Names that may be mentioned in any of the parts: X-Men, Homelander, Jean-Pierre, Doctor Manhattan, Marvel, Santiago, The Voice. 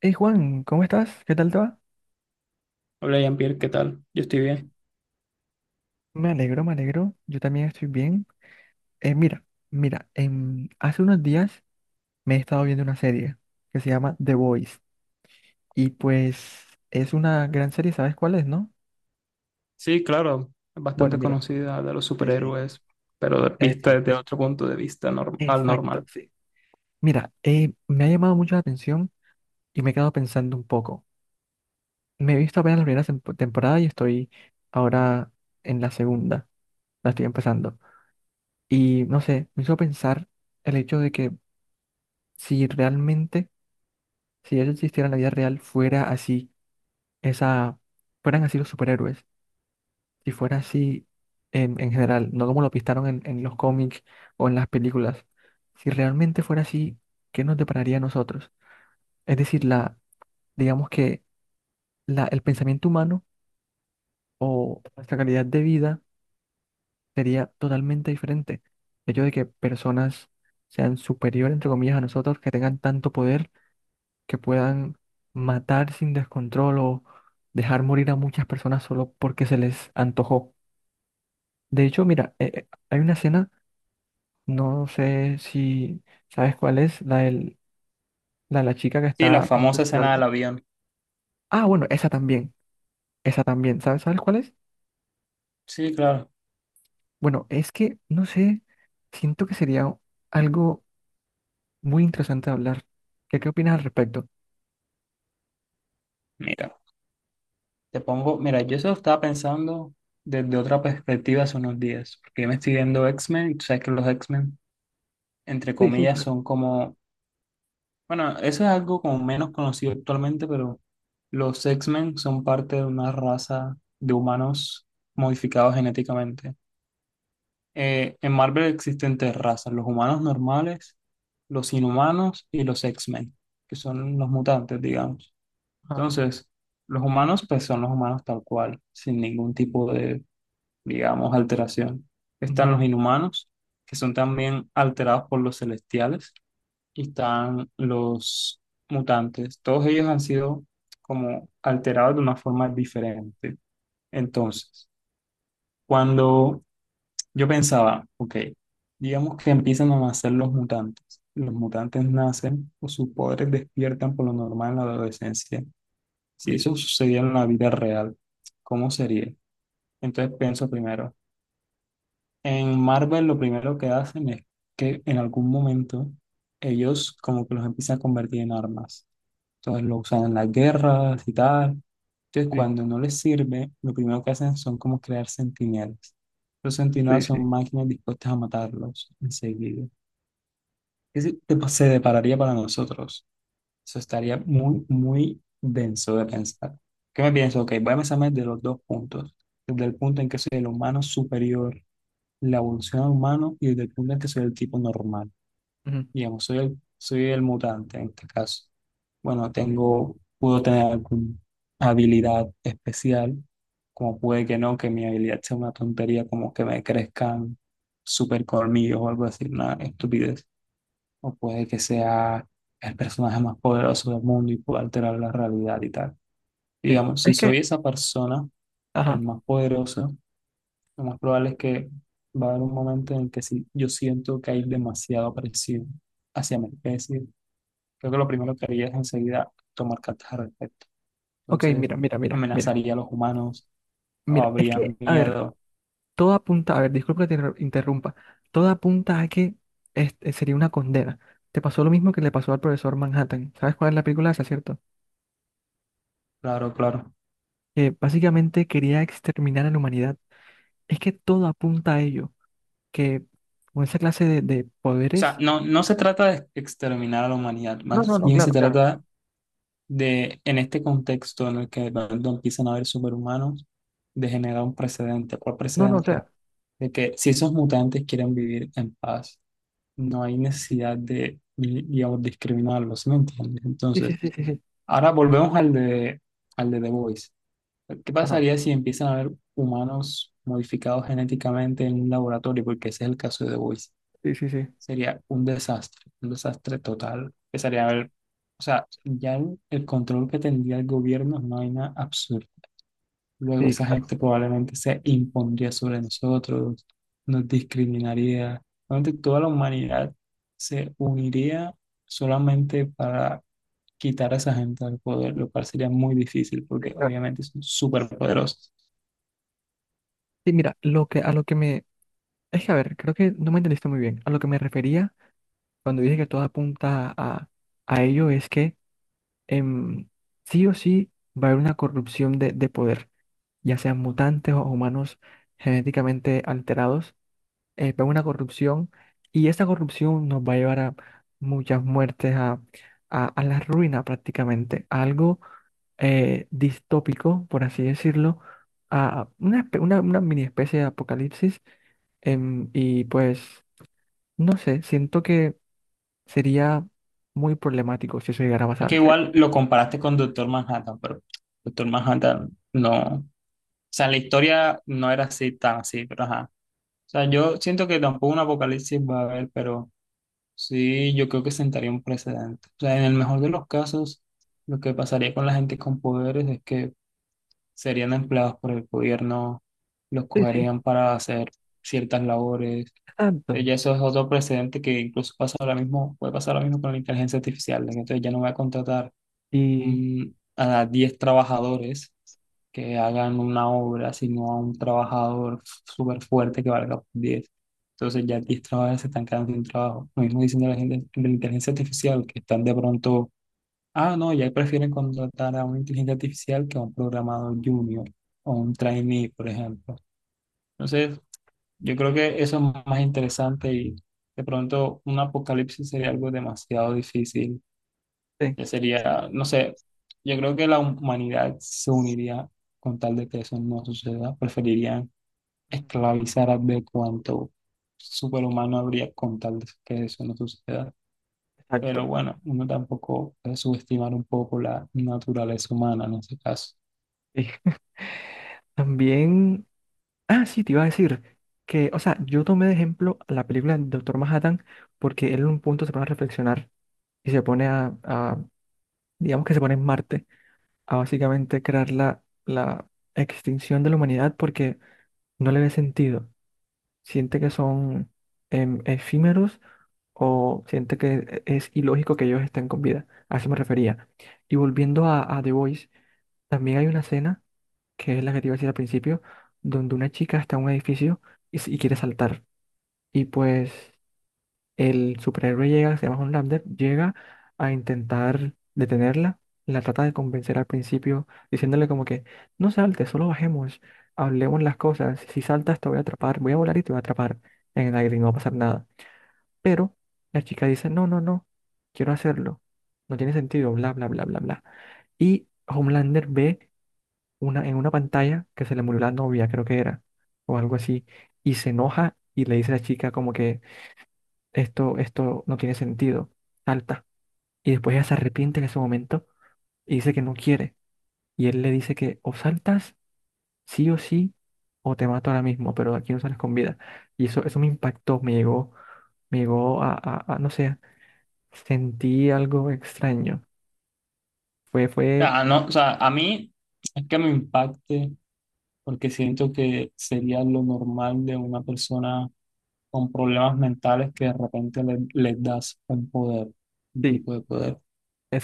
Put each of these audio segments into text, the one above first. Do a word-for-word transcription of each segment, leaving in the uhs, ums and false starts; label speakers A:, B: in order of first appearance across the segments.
A: Hey Juan, ¿cómo estás? ¿Qué tal te va?
B: Hola Jean-Pierre, ¿qué tal? Yo estoy bien.
A: Me alegro, me alegro. Yo también estoy bien. Eh, mira, mira, em, hace unos días me he estado viendo una serie que se llama The Voice y pues es una gran serie, ¿sabes cuál es, no?
B: Sí, claro, es
A: Bueno,
B: bastante
A: mira.
B: conocida de los
A: Sí, sí,
B: superhéroes, pero de- vista desde
A: exacto.
B: otro punto de vista norm- al
A: Exacto,
B: normal.
A: sí. Mira, eh, me ha llamado mucho la atención y me he quedado pensando un poco. Me he visto apenas la primera tempo- temporada y estoy ahora en la segunda, la estoy empezando. Y no sé, me hizo pensar el hecho de que si realmente Si eso existiera en la vida real, fuera así, esa, fueran así los superhéroes, si fuera así en, en general, no como lo pintaron en, en los cómics o en las películas, si realmente fuera así, ¿qué nos depararía a nosotros? Es decir, la, digamos que la, el pensamiento humano o nuestra calidad de vida sería totalmente diferente. El hecho de que personas sean superiores, entre comillas, a nosotros, que tengan tanto poder que puedan matar sin descontrol o dejar morir a muchas personas solo porque se les antojó. De hecho, mira, eh, eh, hay una escena, no sé si sabes cuál es, la del- la de la chica que
B: Sí,
A: está
B: la
A: a punto de
B: famosa escena del
A: suicidarse.
B: avión.
A: Ah, bueno, esa también, esa también, ¿sabes, sabes cuál es?
B: Sí, claro.
A: Bueno, es que, no sé, siento que sería algo muy interesante de hablar. ¿Qué, qué opinas al respecto?
B: Mira, te pongo, mira, yo eso estaba pensando desde otra perspectiva hace unos días, porque yo me estoy viendo X-Men, y tú sabes que los X-Men, entre
A: Sí, sí,
B: comillas,
A: claro.
B: son como, bueno, eso es algo como menos conocido actualmente, pero los X-Men son parte de una raza de humanos modificados genéticamente. Eh, en Marvel existen tres razas, los humanos normales, los inhumanos y los X-Men, que son los mutantes, digamos.
A: Ajá.
B: Entonces, los humanos, pues son los humanos tal cual, sin ningún tipo de, digamos, alteración. Están
A: Ujú.
B: los inhumanos, que son también alterados por los celestiales, y están los mutantes. Todos ellos han sido como alterados de una forma diferente. Entonces, cuando yo pensaba, ok, digamos que empiezan a nacer los mutantes. Los mutantes nacen o sus poderes despiertan por lo normal en la adolescencia. Si eso sucediera en la vida real, ¿cómo sería? Entonces pienso primero, en Marvel lo primero que hacen es que en algún momento ellos como que los empiezan a convertir en armas. Entonces lo usan en las guerras y tal. Entonces
A: Sí,
B: cuando no les sirve, lo primero que hacen son como crear centinelas. Los
A: sí,
B: centinelas
A: sí.
B: son máquinas dispuestas a matarlos enseguida. Es decir, te- se depararía para nosotros. Eso estaría muy, muy denso de pensar. ¿Qué me pienso? Ok, voy a pensarme desde los dos puntos. Desde el punto en que soy el humano superior, la evolución al humano, y desde el punto en que soy el tipo normal.
A: Ujú.
B: Digamos, soy el, soy el mutante en este caso. Bueno,
A: Ujú.
B: tengo, puedo tener alguna habilidad especial, como puede que no, que mi habilidad sea una tontería, como que me crezcan super colmillos o algo así, una estupidez. O puede que sea el personaje más poderoso del mundo y pueda alterar la realidad y tal.
A: Sí.
B: Digamos, si
A: Es
B: soy
A: que,
B: esa persona, el
A: ajá.
B: más poderoso, lo más probable es que va a haber un momento en el que sí, yo siento que hay demasiada presión hacia mi especie. Creo que lo primero que haría es enseguida tomar cartas al respecto.
A: Ok,
B: Entonces,
A: mira, mira, mira, mira,
B: amenazaría a los humanos, o
A: mira. Es
B: habría
A: que, a ver,
B: miedo,
A: todo apunta, a ver, disculpa que te inter- interrumpa, todo apunta a que este sería una condena. Te pasó lo mismo que le pasó al profesor Manhattan. ¿Sabes cuál es la película esa, cierto?
B: claro, claro.
A: Que básicamente quería exterminar a la humanidad. Es que todo apunta a ello, que con esa clase de, de
B: O sea,
A: poderes...
B: no, no se trata de exterminar a la humanidad,
A: No, no,
B: más
A: no,
B: bien
A: claro,
B: se
A: claro.
B: trata de, en este contexto en el que de pronto empiezan a haber superhumanos, de generar un precedente. ¿Cuál
A: No, no, o
B: precedente?
A: sea,
B: De que si esos mutantes quieren vivir en paz, no hay necesidad de, digamos, discriminarlos, ¿sí me entiendes?
A: sí, sí,
B: Entonces,
A: sí, sí, sí.
B: ahora volvemos al de, al de The Voice. ¿Qué
A: Ajá,
B: pasaría si empiezan a haber humanos modificados genéticamente en un laboratorio? Porque ese es el caso de The Voice.
A: sí, sí, sí.
B: Sería un desastre, un desastre total. Empezaría a haber, o sea, ya el, el control que tendría el gobierno es una vaina absurda. Luego
A: Sí,
B: esa
A: claro,
B: gente probablemente se impondría sobre nosotros, nos discriminaría. Realmente toda la humanidad se uniría solamente para quitar a esa gente del poder, lo cual sería muy difícil
A: sí,
B: porque
A: claro.
B: obviamente son súper poderosos.
A: Sí, mira, lo que, a lo que me... Es que, a ver, creo que no me entendiste muy bien. A lo que me refería cuando dije que todo apunta a, a ello es que em, sí o sí va a haber una corrupción de, de poder, ya sean mutantes o humanos genéticamente alterados, eh, va a haber una corrupción y esta corrupción nos va a llevar a muchas muertes, a, a, a la ruina prácticamente, a algo eh, distópico, por así decirlo, a una, espe- una, una mini especie de apocalipsis em, y pues no sé, siento sería muy problemático si eso llegara a
B: Es que
A: pasar. Eh,
B: igual lo comparaste con Doctor Manhattan, pero Doctor Manhattan no. O sea, la historia no era así tan así, pero ajá. O sea, yo siento que tampoco un apocalipsis va a haber, pero sí, yo creo que sentaría un precedente. O sea, en el mejor de los casos, lo que pasaría con la gente con poderes es que serían empleados por el gobierno, los
A: Sí, sí,
B: cogerían para hacer ciertas labores.
A: exacto.
B: Eh, Ya eso es otro precedente que incluso pasa ahora mismo, puede pasar ahora mismo con la inteligencia artificial, de que entonces ya no voy a contratar
A: Y
B: un- a diez trabajadores que hagan una obra, sino a un trabajador súper fuerte que valga por diez. Entonces ya diez trabajadores se están quedando sin trabajo. Lo mismo diciendo la gente de la inteligencia artificial, que están de pronto, ah, no, ya prefieren contratar a una inteligencia artificial que a un programador junior o un trainee, por ejemplo. Entonces, yo creo que eso es más interesante y de pronto un apocalipsis sería algo demasiado difícil.
A: sí,
B: Ya sería, no sé, yo creo que la humanidad se uniría con tal de que eso no suceda. Preferirían
A: ujú,
B: esclavizar a ver cuánto superhumano habría con tal de que eso no suceda. Pero
A: exacto.
B: bueno, uno tampoco puede subestimar un poco la naturaleza humana en ese caso.
A: Y también, ah, sí, te iba a decir que, o sea, yo tomé de ejemplo la película del Doctor Manhattan porque él en un punto se pone a reflexionar y se pone a, a, digamos que se pone en Marte, a básicamente crear la, la extinción de la humanidad porque no le ve sentido. Siente que son em, efímeros o siente que es ilógico que ellos estén con vida. A eso me refería. Y volviendo a, a The Voice, también hay una escena, que es la que te iba a decir al principio, donde una chica está en un edificio y, s- y quiere saltar. Y pues el superhéroe llega, se llama Homelander, llega a intentar detenerla. La trata de convencer al principio, diciéndole como que, no saltes, solo bajemos, hablemos las cosas. Si saltas te voy a atrapar, voy a volar y te voy a atrapar en el aire y no va a pasar nada. Pero la chica dice, no, no, no, quiero hacerlo. No tiene sentido, bla, bla, bla, bla, bla. Y Homelander ve una, en una pantalla que se le murió la novia, creo que era, o algo así, y se enoja y le dice a la chica como que esto, esto no tiene sentido, salta. Y después ella se arrepiente en ese momento y dice que no quiere. Y él le dice que o saltas sí o sí, o te mato ahora mismo, pero de aquí no sales con vida. Y eso, eso me impactó, me llegó, me llegó a, a- a, no sé, sentí algo extraño. Fue,
B: O
A: fue,
B: sea, no, o sea, a mí es que me impacte porque siento que sería lo normal de una persona con problemas mentales que de repente le- les das un poder, un
A: sí,
B: tipo de poder.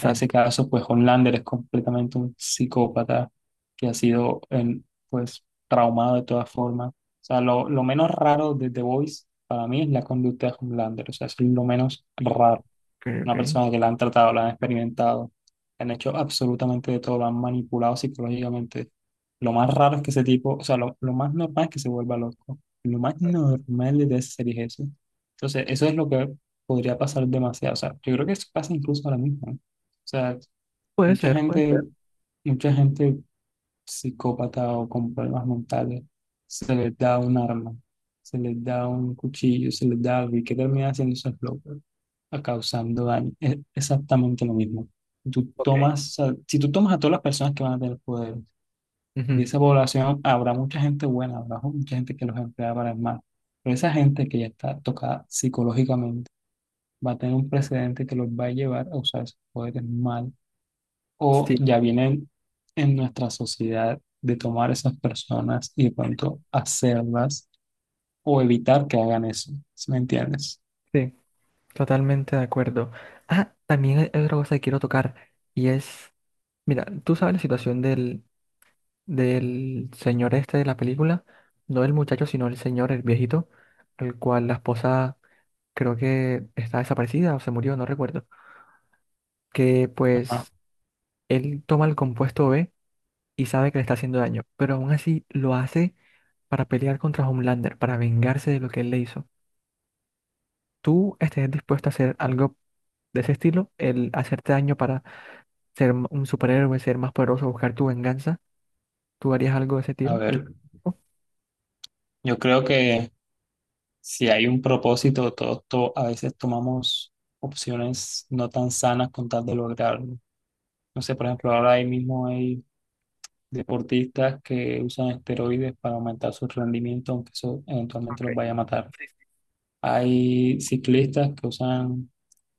B: En ese caso, pues Homelander es completamente un psicópata que ha sido, en pues, traumado de todas formas. O sea, lo, lo menos raro de The Voice para mí es la conducta de Homelander. O sea, es lo menos raro
A: Ok,
B: una
A: ok.
B: persona que la han tratado, la han experimentado, la han hecho absolutamente de todo, la han manipulado psicológicamente. Lo más raro es que ese tipo, o sea, lo, lo más normal es que se vuelva loco. Lo más normal de esa serie es eso. Entonces, eso es lo que podría pasar demasiado. O sea, yo creo que eso pasa incluso ahora mismo. ¿No? O sea,
A: Puede
B: mucha
A: ser, puede
B: gente,
A: ser.
B: mucha gente psicópata o con problemas mentales, se les da un arma, se les da un cuchillo, se les da algo y que termina haciendo esos locos a causando daño. Es exactamente lo mismo. Tú
A: Ok.
B: tomas, a- si tú tomas a todas las personas que van a tener poder, de
A: Ujú.
B: esa población habrá mucha gente buena, habrá mucha gente que los emplea para el mal. Pero esa gente que ya está tocada psicológicamente va a tener un precedente que los va a llevar a usar sus poderes mal. O
A: Sí,
B: ya vienen en nuestra sociedad de tomar esas personas y de pronto hacerlas o evitar que hagan eso. ¿Sí me entiendes?
A: sí, totalmente de acuerdo. Ah, también hay hay otra cosa que quiero tocar y es, mira, tú sabes la situación del, del señor este de la película, no el muchacho, sino el señor, el viejito, el cual la esposa creo que está desaparecida o se murió, no recuerdo, que
B: Ajá.
A: pues él toma el compuesto be y sabe que le está haciendo daño, pero aún así lo hace para pelear contra Homelander, para vengarse de lo que él le hizo. ¿Tú estés dispuesto a hacer algo de ese estilo? El hacerte daño para ser m- un superhéroe, ser más poderoso, buscar tu venganza. ¿Tú harías algo de ese
B: A
A: estilo?
B: ver,
A: De- Oh,
B: yo creo que si hay un propósito, todos, to- a veces tomamos opciones no tan sanas con tal de lograrlo. No sé, por ejemplo, ahora ahí mismo hay deportistas que usan esteroides para aumentar su rendimiento, aunque eso eventualmente los
A: ok,
B: vaya a matar.
A: sí,
B: Hay ciclistas que usan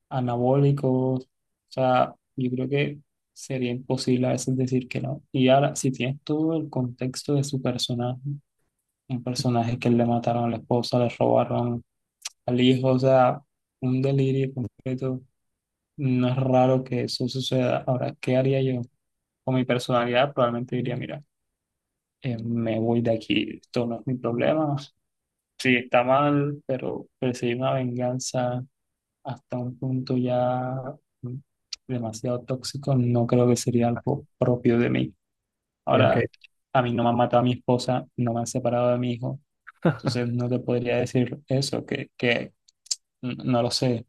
B: anabólicos. O sea, yo creo que sería imposible a veces decir que no. Y ahora, si tienes todo el contexto de su personaje, un personaje que le mataron a la esposa, le robaron al hijo, o sea, un delirio completo. No es raro que eso suceda. Ahora, ¿qué haría yo? Con mi personalidad probablemente diría, mira, eh, me voy de aquí, esto no es mi problema. Sí, está mal, pero perseguir una venganza hasta un punto ya mm, demasiado tóxico no creo que sería algo propio de mí.
A: sí. Ok,
B: Ahora, a mí no me han matado a mi esposa, no me han separado de mi hijo,
A: ok.
B: entonces no te podría decir eso, que, que N- no lo sé,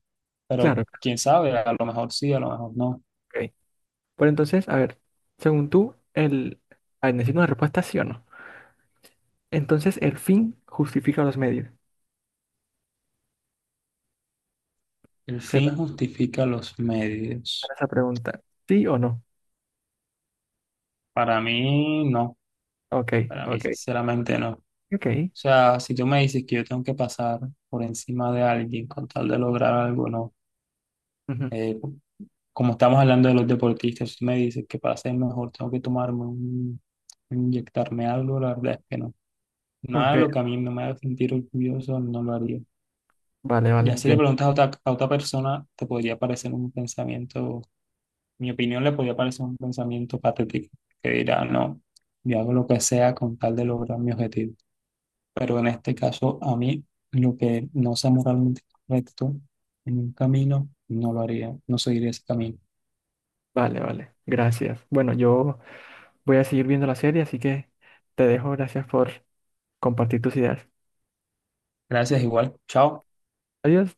B: pero
A: Claro,
B: quién sabe, a lo mejor sí, a lo mejor no.
A: ok. Pero entonces, a ver, según tú, el... A ver, necesito una respuesta sí o no. Entonces, ¿el fin justifica los medios?
B: El
A: ¿Qué
B: fin
A: tal
B: justifica los medios.
A: para esa pregunta? ¿Sí o no?
B: Para mí, no.
A: Ok,
B: Para mí,
A: ok,
B: sinceramente, no. O
A: ok.
B: sea, si tú me dices que yo tengo que pasar por encima de alguien con tal de lograr algo, no.
A: Ujú.
B: Eh, como estamos hablando de los deportistas, si me dices que para ser mejor tengo que tomarme un, inyectarme algo, la verdad es que no. Nada
A: Ok,
B: de lo que a mí no me haga sentir orgulloso, no lo haría.
A: vale, vale,
B: Y así le
A: entiendo.
B: preguntas a otra, a otra persona, te podría parecer un pensamiento. Mi opinión le podía parecer un pensamiento patético, que dirá, no, yo hago lo que sea con tal de lograr mi objetivo. Pero en este caso, a mí, lo que no sea moralmente correcto en un camino, no lo haría, no seguiría ese camino.
A: Vale, vale, gracias. Bueno, yo voy a seguir viendo la serie, así que te dejo. Gracias por compartir tus ideas.
B: Gracias, igual, chao.
A: Adiós.